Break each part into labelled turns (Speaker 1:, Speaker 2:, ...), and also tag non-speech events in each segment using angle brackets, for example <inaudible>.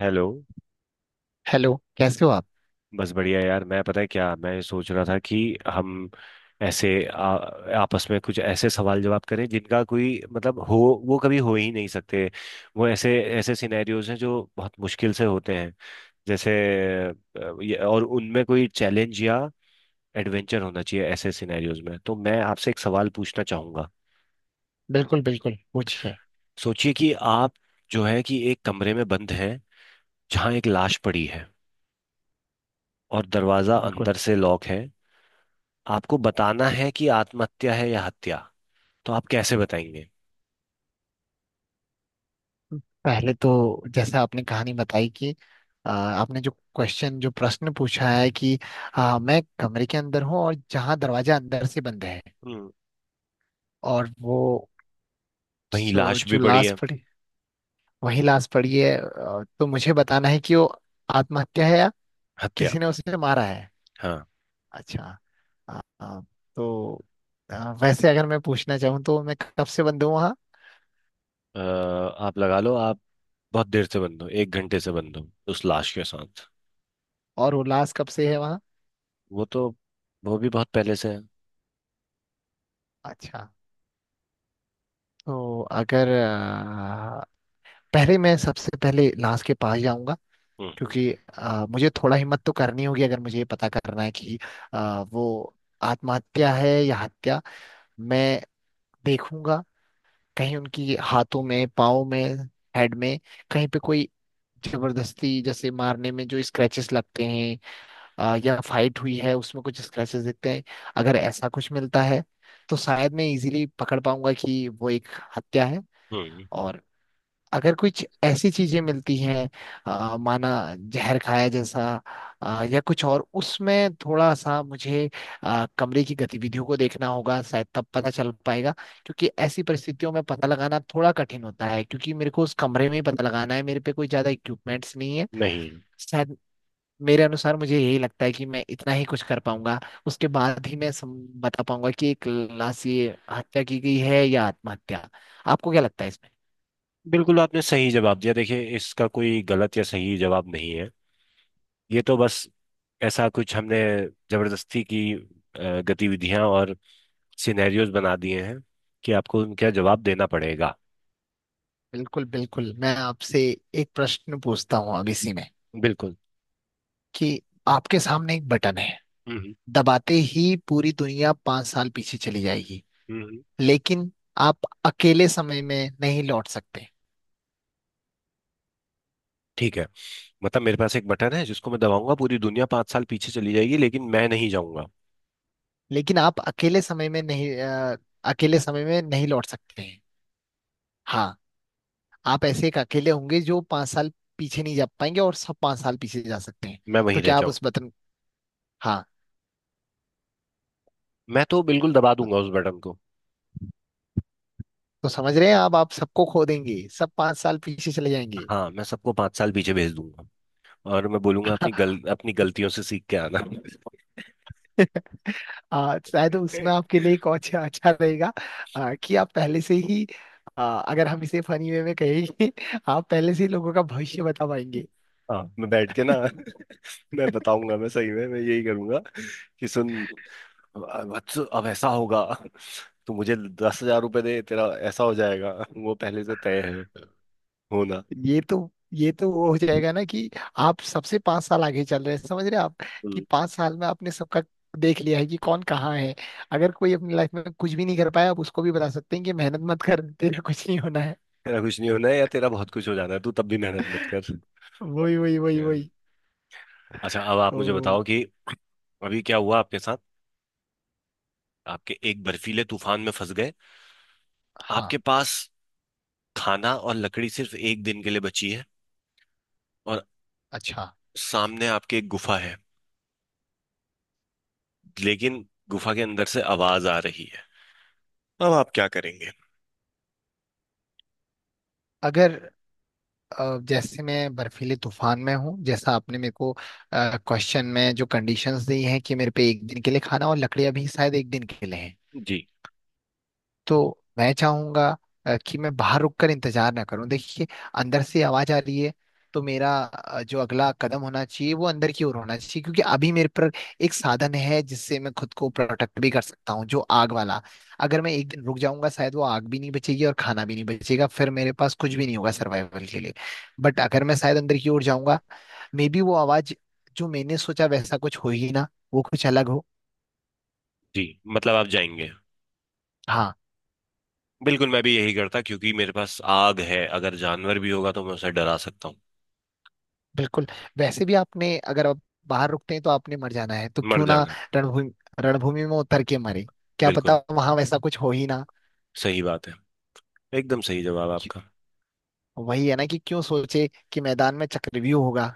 Speaker 1: Hello.
Speaker 2: Hello, कैसे हो आप?
Speaker 1: बस बढ़िया यार। मैं पता है क्या मैं सोच रहा था कि हम ऐसे आपस में कुछ ऐसे सवाल जवाब करें जिनका कोई मतलब हो, वो कभी हो ही नहीं सकते। वो ऐसे ऐसे सिनेरियोज हैं जो बहुत मुश्किल से होते हैं। जैसे और उनमें कोई चैलेंज या एडवेंचर होना चाहिए ऐसे सिनेरियोज में। तो मैं आपसे एक सवाल पूछना चाहूंगा।
Speaker 2: बिल्कुल बिल्कुल, पूछिए।
Speaker 1: सोचिए कि आप जो है कि एक कमरे में बंद हैं, जहाँ एक लाश पड़ी है और दरवाजा
Speaker 2: बिल्कुल।
Speaker 1: अंदर से लॉक है। आपको बताना है कि आत्महत्या है या हत्या। तो आप कैसे बताएंगे?
Speaker 2: पहले तो जैसा आपने कहानी बताई कि आपने जो क्वेश्चन जो प्रश्न पूछा है कि मैं कमरे के अंदर हूँ और जहाँ दरवाजा अंदर से बंद है।
Speaker 1: हम्म।
Speaker 2: और वो
Speaker 1: वहीं लाश भी
Speaker 2: जो
Speaker 1: पड़ी
Speaker 2: लाश
Speaker 1: है।
Speaker 2: पड़ी वही लाश पड़ी है। तो मुझे बताना है कि वो आत्महत्या है या
Speaker 1: हत्या।
Speaker 2: किसी ने उसे मारा है।
Speaker 1: हाँ।
Speaker 2: अच्छा। आ, तो वैसे अगर मैं पूछना चाहूँ तो मैं कब से बंद हूँ वहाँ।
Speaker 1: आप लगा लो, आप बहुत देर से बंद हो, एक घंटे से बंद हो उस लाश के साथ।
Speaker 2: और वो लाश कब से है वहाँ।
Speaker 1: वो तो वो भी बहुत पहले से है।
Speaker 2: अच्छा। तो अगर पहले मैं सबसे पहले लास्ट के पास जाऊंगा,
Speaker 1: हम्म।
Speaker 2: क्योंकि मुझे थोड़ा हिम्मत तो करनी होगी अगर मुझे ये पता करना है कि वो आत्महत्या है या हत्या। मैं देखूंगा कहीं उनकी हाथों में, पाँव में, हेड में, कहीं पे कोई जबरदस्ती जैसे मारने में जो स्क्रैचेस लगते हैं, या फाइट हुई है उसमें कुछ स्क्रैचेस दिखते हैं। अगर ऐसा कुछ मिलता है तो शायद मैं इजीली पकड़ पाऊंगा कि वो एक हत्या है।
Speaker 1: हम्म।
Speaker 2: और अगर कुछ ऐसी चीजें मिलती हैं, माना जहर खाया जैसा, या कुछ और, उसमें थोड़ा सा मुझे कमरे की गतिविधियों को देखना होगा, शायद तब पता चल पाएगा। क्योंकि ऐसी परिस्थितियों में पता लगाना थोड़ा कठिन होता है, क्योंकि मेरे को उस कमरे में ही पता लगाना है, मेरे पे कोई ज्यादा इक्विपमेंट्स नहीं है।
Speaker 1: नहीं है।
Speaker 2: शायद मेरे अनुसार मुझे यही लगता है कि मैं इतना ही कुछ कर पाऊंगा। उसके बाद ही मैं बता पाऊंगा कि एक लाश, ये हत्या की गई है या आत्महत्या। आपको क्या लगता है?
Speaker 1: बिल्कुल आपने सही जवाब दिया। देखिए इसका कोई गलत या सही जवाब नहीं है। ये तो बस ऐसा कुछ हमने जबरदस्ती की गतिविधियां और सिनेरियोज बना दिए हैं कि आपको उनका जवाब देना पड़ेगा।
Speaker 2: बिल्कुल बिल्कुल, मैं आपसे एक प्रश्न पूछता हूँ अब इसी में
Speaker 1: बिल्कुल।
Speaker 2: कि आपके सामने एक बटन है।
Speaker 1: हम्म।
Speaker 2: दबाते ही पूरी दुनिया 5 साल पीछे चली जाएगी,
Speaker 1: हम्म।
Speaker 2: लेकिन आप अकेले समय में नहीं लौट सकते।
Speaker 1: ठीक है। मतलब मेरे पास एक बटन है जिसको मैं दबाऊंगा, पूरी दुनिया 5 साल पीछे चली जाएगी, लेकिन मैं नहीं जाऊंगा।
Speaker 2: लेकिन आप अकेले समय में नहीं लौट सकते हैं। हाँ। आप ऐसे एक अकेले होंगे जो 5 साल पीछे नहीं जा पाएंगे, और सब 5 साल पीछे जा सकते हैं।
Speaker 1: मैं
Speaker 2: तो
Speaker 1: वहीं रह
Speaker 2: क्या आप
Speaker 1: जाऊं।
Speaker 2: उस बटन... हाँ।
Speaker 1: मैं तो बिल्कुल दबा दूंगा उस बटन को।
Speaker 2: तो समझ रहे हैं आप सबको खो देंगे, सब पांच साल पीछे चले जाएंगे।
Speaker 1: हाँ, मैं सबको 5 साल पीछे भेज दूंगा। और मैं बोलूंगा अपनी गल अपनी गलतियों से सीख के आना।
Speaker 2: शायद उसमें
Speaker 1: <laughs>
Speaker 2: आपके लिए एक और अच्छा अच्छा रहेगा। कि आप पहले से ही... अगर हम इसे फनी वे में कहेंगे, <laughs> आप पहले से ही लोगों का भविष्य बता पाएंगे।
Speaker 1: हाँ, मैं बैठ के ना <laughs> मैं बताऊंगा, मैं सही में मैं यही करूंगा कि सुन वत्स, अब ऐसा होगा। तो मुझे 10,000 रुपये दे, तेरा ऐसा हो जाएगा। वो पहले से तय है होना।
Speaker 2: ये तो वो हो जाएगा ना कि आप सबसे 5 साल आगे चल रहे हैं, समझ रहे हैं आप, कि 5 साल में आपने सबका देख लिया है कि कौन कहाँ है। अगर कोई अपनी लाइफ में कुछ भी नहीं कर पाया, आप उसको भी बता सकते हैं कि मेहनत मत कर, तेरा कुछ नहीं होना है।
Speaker 1: तेरा कुछ नहीं होना है, या तेरा बहुत कुछ हो जाना है, तू तब भी मेहनत मत कर।
Speaker 2: वही वही वही
Speaker 1: यार,
Speaker 2: वही।
Speaker 1: अच्छा अब आप
Speaker 2: ओ।
Speaker 1: मुझे बताओ कि अभी क्या हुआ आपके साथ। आपके एक बर्फीले तूफान में फंस गए।
Speaker 2: हाँ।
Speaker 1: आपके पास खाना और लकड़ी सिर्फ एक दिन के लिए बची है, और
Speaker 2: अच्छा।
Speaker 1: सामने आपके एक गुफा है, लेकिन गुफा के अंदर से आवाज आ रही है। अब आप क्या करेंगे?
Speaker 2: अगर जैसे मैं बर्फीले तूफान में हूँ, जैसा आपने मेरे को क्वेश्चन में जो कंडीशंस दी हैं कि मेरे पे एक दिन के लिए खाना और लकड़ियां भी शायद एक दिन के लिए,
Speaker 1: जी।
Speaker 2: तो मैं चाहूंगा कि मैं बाहर रुक कर इंतजार ना करूं। देखिए, अंदर से आवाज आ रही है, तो मेरा जो अगला कदम होना चाहिए वो अंदर की ओर होना चाहिए, क्योंकि अभी मेरे पर एक साधन है जिससे मैं खुद को प्रोटेक्ट भी कर सकता हूँ, जो आग वाला। अगर मैं एक दिन रुक जाऊंगा, शायद वो आग भी नहीं बचेगी और खाना भी नहीं बचेगा, फिर मेरे पास कुछ भी नहीं होगा सर्वाइवल के लिए। बट अगर मैं शायद अंदर की ओर जाऊंगा, मे बी वो आवाज जो मैंने सोचा वैसा कुछ हो ही ना, वो कुछ अलग हो।
Speaker 1: जी। मतलब आप जाएंगे?
Speaker 2: हाँ,
Speaker 1: बिल्कुल, मैं भी यही करता क्योंकि मेरे पास आग है, अगर जानवर भी होगा तो मैं उसे डरा सकता हूँ।
Speaker 2: बिल्कुल। वैसे भी, आपने अगर आप बाहर रुकते हैं तो आपने मर जाना है, तो
Speaker 1: मर
Speaker 2: क्यों ना
Speaker 1: जाना।
Speaker 2: रणभूमि रणभूमि में उतर के मरे। क्या
Speaker 1: बिल्कुल
Speaker 2: पता वहां वैसा कुछ हो ही ना।
Speaker 1: सही बात है। एकदम सही जवाब
Speaker 2: क्यों-
Speaker 1: आपका।
Speaker 2: वही है ना कि क्यों सोचे कि मैदान में चक्रव्यूह होगा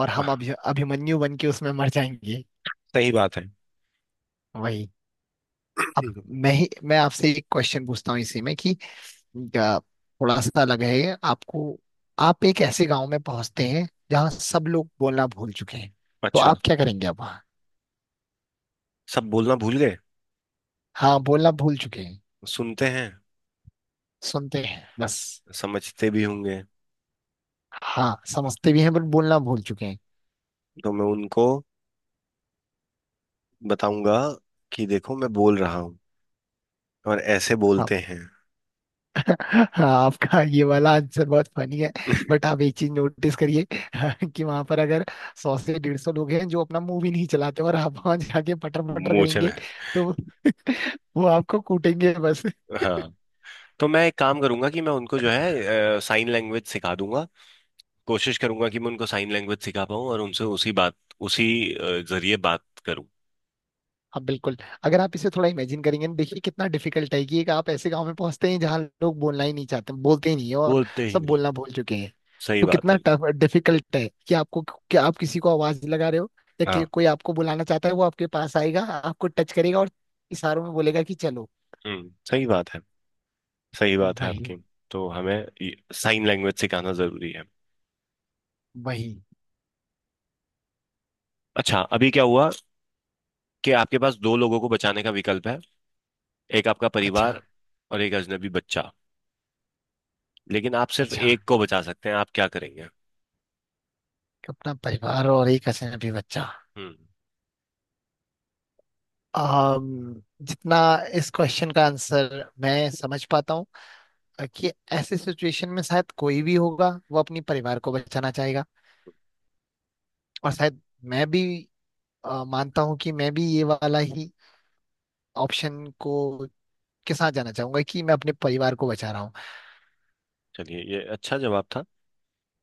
Speaker 2: और हम अभिमन्यु बन के उसमें मर जाएंगे।
Speaker 1: सही बात है।
Speaker 2: वही। अब मैं आपसे एक क्वेश्चन पूछता हूँ इसी में कि अ, थोड़ा सा लगा है आपको। आप एक ऐसे गांव में पहुंचते हैं जहाँ सब लोग बोलना भूल चुके हैं, तो
Speaker 1: अच्छा।
Speaker 2: आप क्या करेंगे अब वहाँ?
Speaker 1: सब बोलना भूल गए?
Speaker 2: हाँ, बोलना भूल चुके हैं।
Speaker 1: सुनते हैं।
Speaker 2: सुनते हैं बस।
Speaker 1: समझते भी होंगे?
Speaker 2: हाँ, समझते भी हैं बट बोलना भूल चुके हैं।
Speaker 1: तो मैं उनको बताऊंगा कि देखो, मैं बोल रहा हूँ और ऐसे
Speaker 2: आप,
Speaker 1: बोलते हैं।
Speaker 2: हाँ, आपका ये वाला आंसर बहुत फनी है, बट
Speaker 1: <laughs>
Speaker 2: आप एक चीज नोटिस करिए, <laughs> कि वहां पर अगर 100 से 150 लोग हैं जो अपना मुंह भी नहीं चलाते और आप वहां जाके पटर पटर
Speaker 1: मूंछ
Speaker 2: करेंगे,
Speaker 1: में।
Speaker 2: तो वो आपको कूटेंगे।
Speaker 1: हाँ, तो मैं एक काम करूंगा कि मैं उनको जो है साइन लैंग्वेज सिखा दूंगा। कोशिश करूंगा कि मैं उनको साइन लैंग्वेज सिखा पाऊँ और उनसे उसी जरिए बात करूं।
Speaker 2: हाँ, बिल्कुल। अगर आप इसे थोड़ा इमेजिन करेंगे ना, देखिए कितना डिफिकल्ट है कि एक आप ऐसे गांव में पहुंचते हैं जहाँ लोग बोलना ही नहीं चाहते, बोलते ही नहीं है, और
Speaker 1: बोलते ही
Speaker 2: सब
Speaker 1: नहीं।
Speaker 2: बोलना भूल चुके हैं।
Speaker 1: सही
Speaker 2: तो
Speaker 1: बात
Speaker 2: कितना
Speaker 1: है।
Speaker 2: टफ डिफिकल्ट है कि आपको, कि आप किसी को आवाज लगा रहे हो या कि
Speaker 1: हाँ।
Speaker 2: कोई आपको बुलाना चाहता है, वो आपके पास आएगा, आपको टच करेगा और इशारों में बोलेगा कि चलो।
Speaker 1: हम्म। सही बात है। सही बात है
Speaker 2: वही।
Speaker 1: आपकी। तो हमें साइन लैंग्वेज सिखाना जरूरी है।
Speaker 2: वही।
Speaker 1: अच्छा, अभी क्या हुआ कि आपके पास दो लोगों को बचाने का विकल्प है, एक आपका
Speaker 2: अच्छा।
Speaker 1: परिवार और एक अजनबी बच्चा, लेकिन आप सिर्फ
Speaker 2: अच्छा,
Speaker 1: एक को बचा सकते हैं। आप क्या करेंगे?
Speaker 2: अपना परिवार और एक अजनबी बच्चा।
Speaker 1: हम्म।
Speaker 2: जितना इस क्वेश्चन का आंसर मैं समझ पाता हूँ, कि ऐसी सिचुएशन में शायद कोई भी होगा वो अपनी परिवार को बचाना चाहेगा। और शायद मैं भी मानता हूँ कि मैं भी ये वाला ही ऑप्शन को के साथ जाना चाहूंगा, कि मैं अपने परिवार को बचा रहा हूँ।
Speaker 1: चलिए, ये अच्छा जवाब था।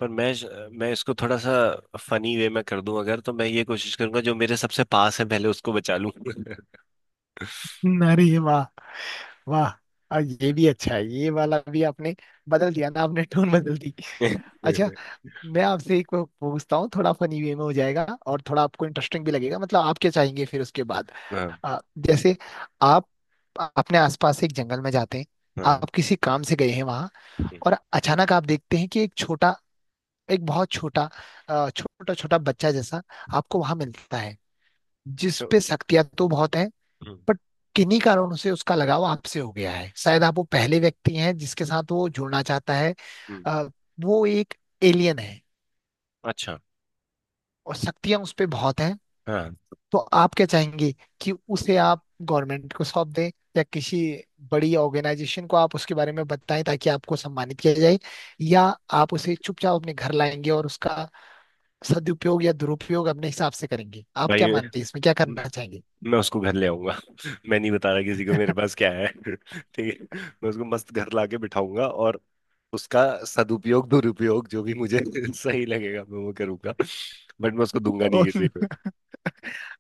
Speaker 1: पर मैं इसको थोड़ा सा फनी वे में कर दूं, अगर तो मैं ये कोशिश करूंगा जो मेरे सबसे पास है पहले उसको बचा लूं। <laughs>
Speaker 2: अरे ये वाह, वाह। ये भी अच्छा है, ये वाला भी आपने बदल दिया ना, आपने टोन बदल दी। अच्छा, मैं आपसे एक पूछता हूँ, थोड़ा फनी वे में हो जाएगा और थोड़ा आपको इंटरेस्टिंग भी लगेगा, मतलब आप क्या चाहेंगे फिर उसके बाद।
Speaker 1: हाँ।
Speaker 2: आ, जैसे आप अपने आसपास से एक जंगल में जाते हैं,
Speaker 1: हाँ।
Speaker 2: आप किसी काम से गए हैं वहां,
Speaker 1: हम्म।
Speaker 2: और अचानक आप देखते हैं कि एक छोटा, एक बहुत छोटा, छोटा छोटा बच्चा जैसा आपको वहां मिलता है, जिस
Speaker 1: चो-
Speaker 2: पे शक्तियां तो बहुत हैं।
Speaker 1: हम्म।
Speaker 2: बट किन्हीं कारणों से उसका लगाव आपसे हो गया है, शायद आप वो पहले व्यक्ति हैं जिसके साथ वो जुड़ना चाहता है।
Speaker 1: हम्म।
Speaker 2: आ, वो एक एलियन है,
Speaker 1: अच्छा।
Speaker 2: और शक्तियां उस पे बहुत हैं।
Speaker 1: हाँ।
Speaker 2: तो आप क्या चाहेंगे, कि उसे आप गवर्नमेंट को सौंप दें या किसी बड़ी ऑर्गेनाइजेशन को आप उसके बारे में बताएं ताकि आपको सम्मानित किया जाए,
Speaker 1: हम्म।
Speaker 2: या आप उसे चुपचाप अपने घर लाएंगे और उसका सदुपयोग या दुरुपयोग अपने हिसाब से करेंगे? आप क्या
Speaker 1: भाई,
Speaker 2: मानते हैं, इसमें क्या करना चाहेंगे?
Speaker 1: मैं उसको घर ले आऊंगा। <laughs> मैं नहीं बता रहा किसी को मेरे पास क्या है। <laughs> ठीक है, मैं उसको मस्त घर लाके बिठाऊंगा और उसका सदुपयोग दुरुपयोग जो भी मुझे <laughs> सही लगेगा मैं वो करूंगा। बट मैं उसको दूंगा नहीं
Speaker 2: ओह,
Speaker 1: किसी को।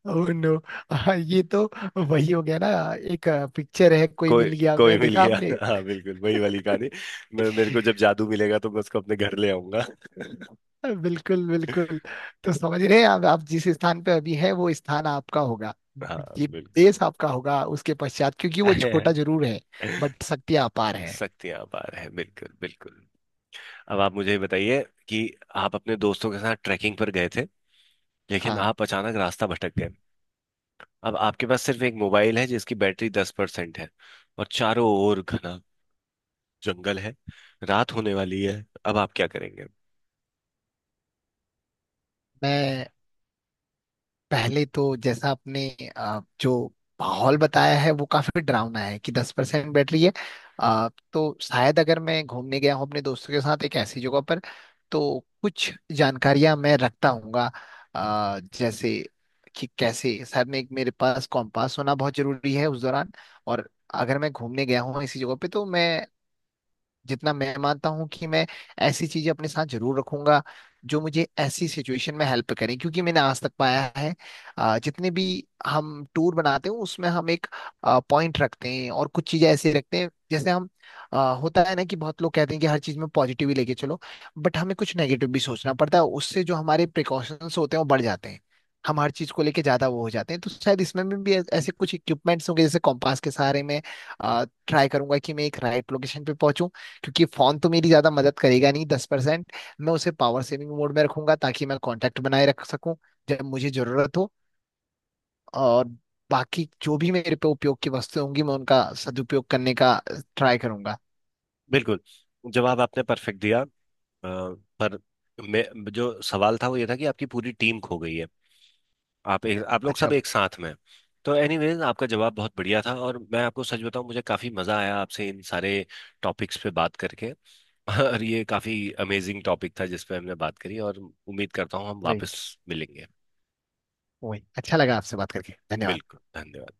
Speaker 2: नो। <laughs> ये तो वही हो गया ना, एक पिक्चर है "कोई
Speaker 1: कोई
Speaker 2: मिल गया",
Speaker 1: कोई
Speaker 2: मैं
Speaker 1: मिल
Speaker 2: देखा
Speaker 1: गया।
Speaker 2: आपने?
Speaker 1: <laughs> हाँ, बिल्कुल वही वाली कहानी। मैं मेरे को जब जादू मिलेगा तो मैं उसको अपने घर ले आऊंगा। <laughs>
Speaker 2: बिल्कुल बिल्कुल। तो समझ रहे हैं, अब आप जिस स्थान पे अभी है वो स्थान आपका होगा,
Speaker 1: हाँ
Speaker 2: ये
Speaker 1: बिल्कुल।
Speaker 2: देश आपका होगा उसके पश्चात, क्योंकि वो छोटा जरूर है
Speaker 1: <laughs>
Speaker 2: बट शक्ति अपार है।
Speaker 1: शक्तियां अपार है, बिल्कुल बिल्कुल। अब आप मुझे ये बताइए कि आप अपने दोस्तों के साथ ट्रैकिंग पर गए थे, लेकिन
Speaker 2: हाँ,
Speaker 1: आप अचानक रास्ता भटक गए। अब आपके पास सिर्फ एक मोबाइल है जिसकी बैटरी 10% है, और चारों ओर घना जंगल है, रात होने वाली है। अब आप क्या करेंगे?
Speaker 2: मैं पहले तो जैसा आपने जो माहौल बताया है वो काफी डरावना है, कि 10% बैटरी है। तो शायद अगर मैं घूमने गया हूँ अपने दोस्तों के साथ एक ऐसी जगह पर, तो कुछ जानकारियां मैं रखता हूँगा, जैसे कि कैसे, शायद मैं एक, मेरे पास कॉम्पास होना बहुत जरूरी है उस दौरान। और अगर मैं घूमने गया हूँ इसी जगह पे तो मैं, जितना मैं मानता हूँ कि मैं ऐसी चीजें अपने साथ जरूर रखूंगा जो मुझे ऐसी सिचुएशन में हेल्प करें, क्योंकि मैंने आज तक पाया है जितने भी हम टूर बनाते हैं उसमें हम एक पॉइंट रखते हैं और कुछ चीजें ऐसे रखते हैं जैसे हम, होता है ना कि बहुत लोग कहते हैं कि हर चीज में पॉजिटिव ही लेके चलो, बट हमें कुछ नेगेटिव भी सोचना पड़ता है, उससे जो हमारे प्रिकॉशंस होते हैं वो बढ़ जाते हैं। हम हर चीज को लेके ज्यादा वो हो जाते हैं, तो शायद इसमें में भी ऐसे कुछ इक्विपमेंट्स होंगे जैसे कॉम्पास के सहारे में ट्राई करूंगा कि मैं एक राइट लोकेशन पे पहुंचूं। क्योंकि फोन तो मेरी ज्यादा मदद करेगा नहीं, 10%। मैं उसे पावर सेविंग मोड में रखूंगा ताकि मैं कांटेक्ट बनाए रख सकूं जब मुझे जरूरत हो। और बाकी जो भी मेरे पे उपयोग की वस्तुएं होंगी, मैं उनका सदुपयोग करने का ट्राई करूंगा।
Speaker 1: बिल्कुल, जवाब आपने परफेक्ट दिया। पर मैं, जो सवाल था वो ये था कि आपकी पूरी टीम खो गई है। आप लोग सब
Speaker 2: अच्छा।
Speaker 1: एक साथ में हैं। तो एनीवेज आपका जवाब बहुत बढ़िया था, और मैं आपको सच बताऊं मुझे काफी मजा आया आपसे इन सारे टॉपिक्स पे बात करके। <laughs> और ये काफी अमेजिंग टॉपिक था जिस पे हमने बात करी, और उम्मीद करता हूँ हम
Speaker 2: वही।
Speaker 1: वापस मिलेंगे।
Speaker 2: वही, अच्छा लगा आपसे बात करके, धन्यवाद।
Speaker 1: बिल्कुल। धन्यवाद।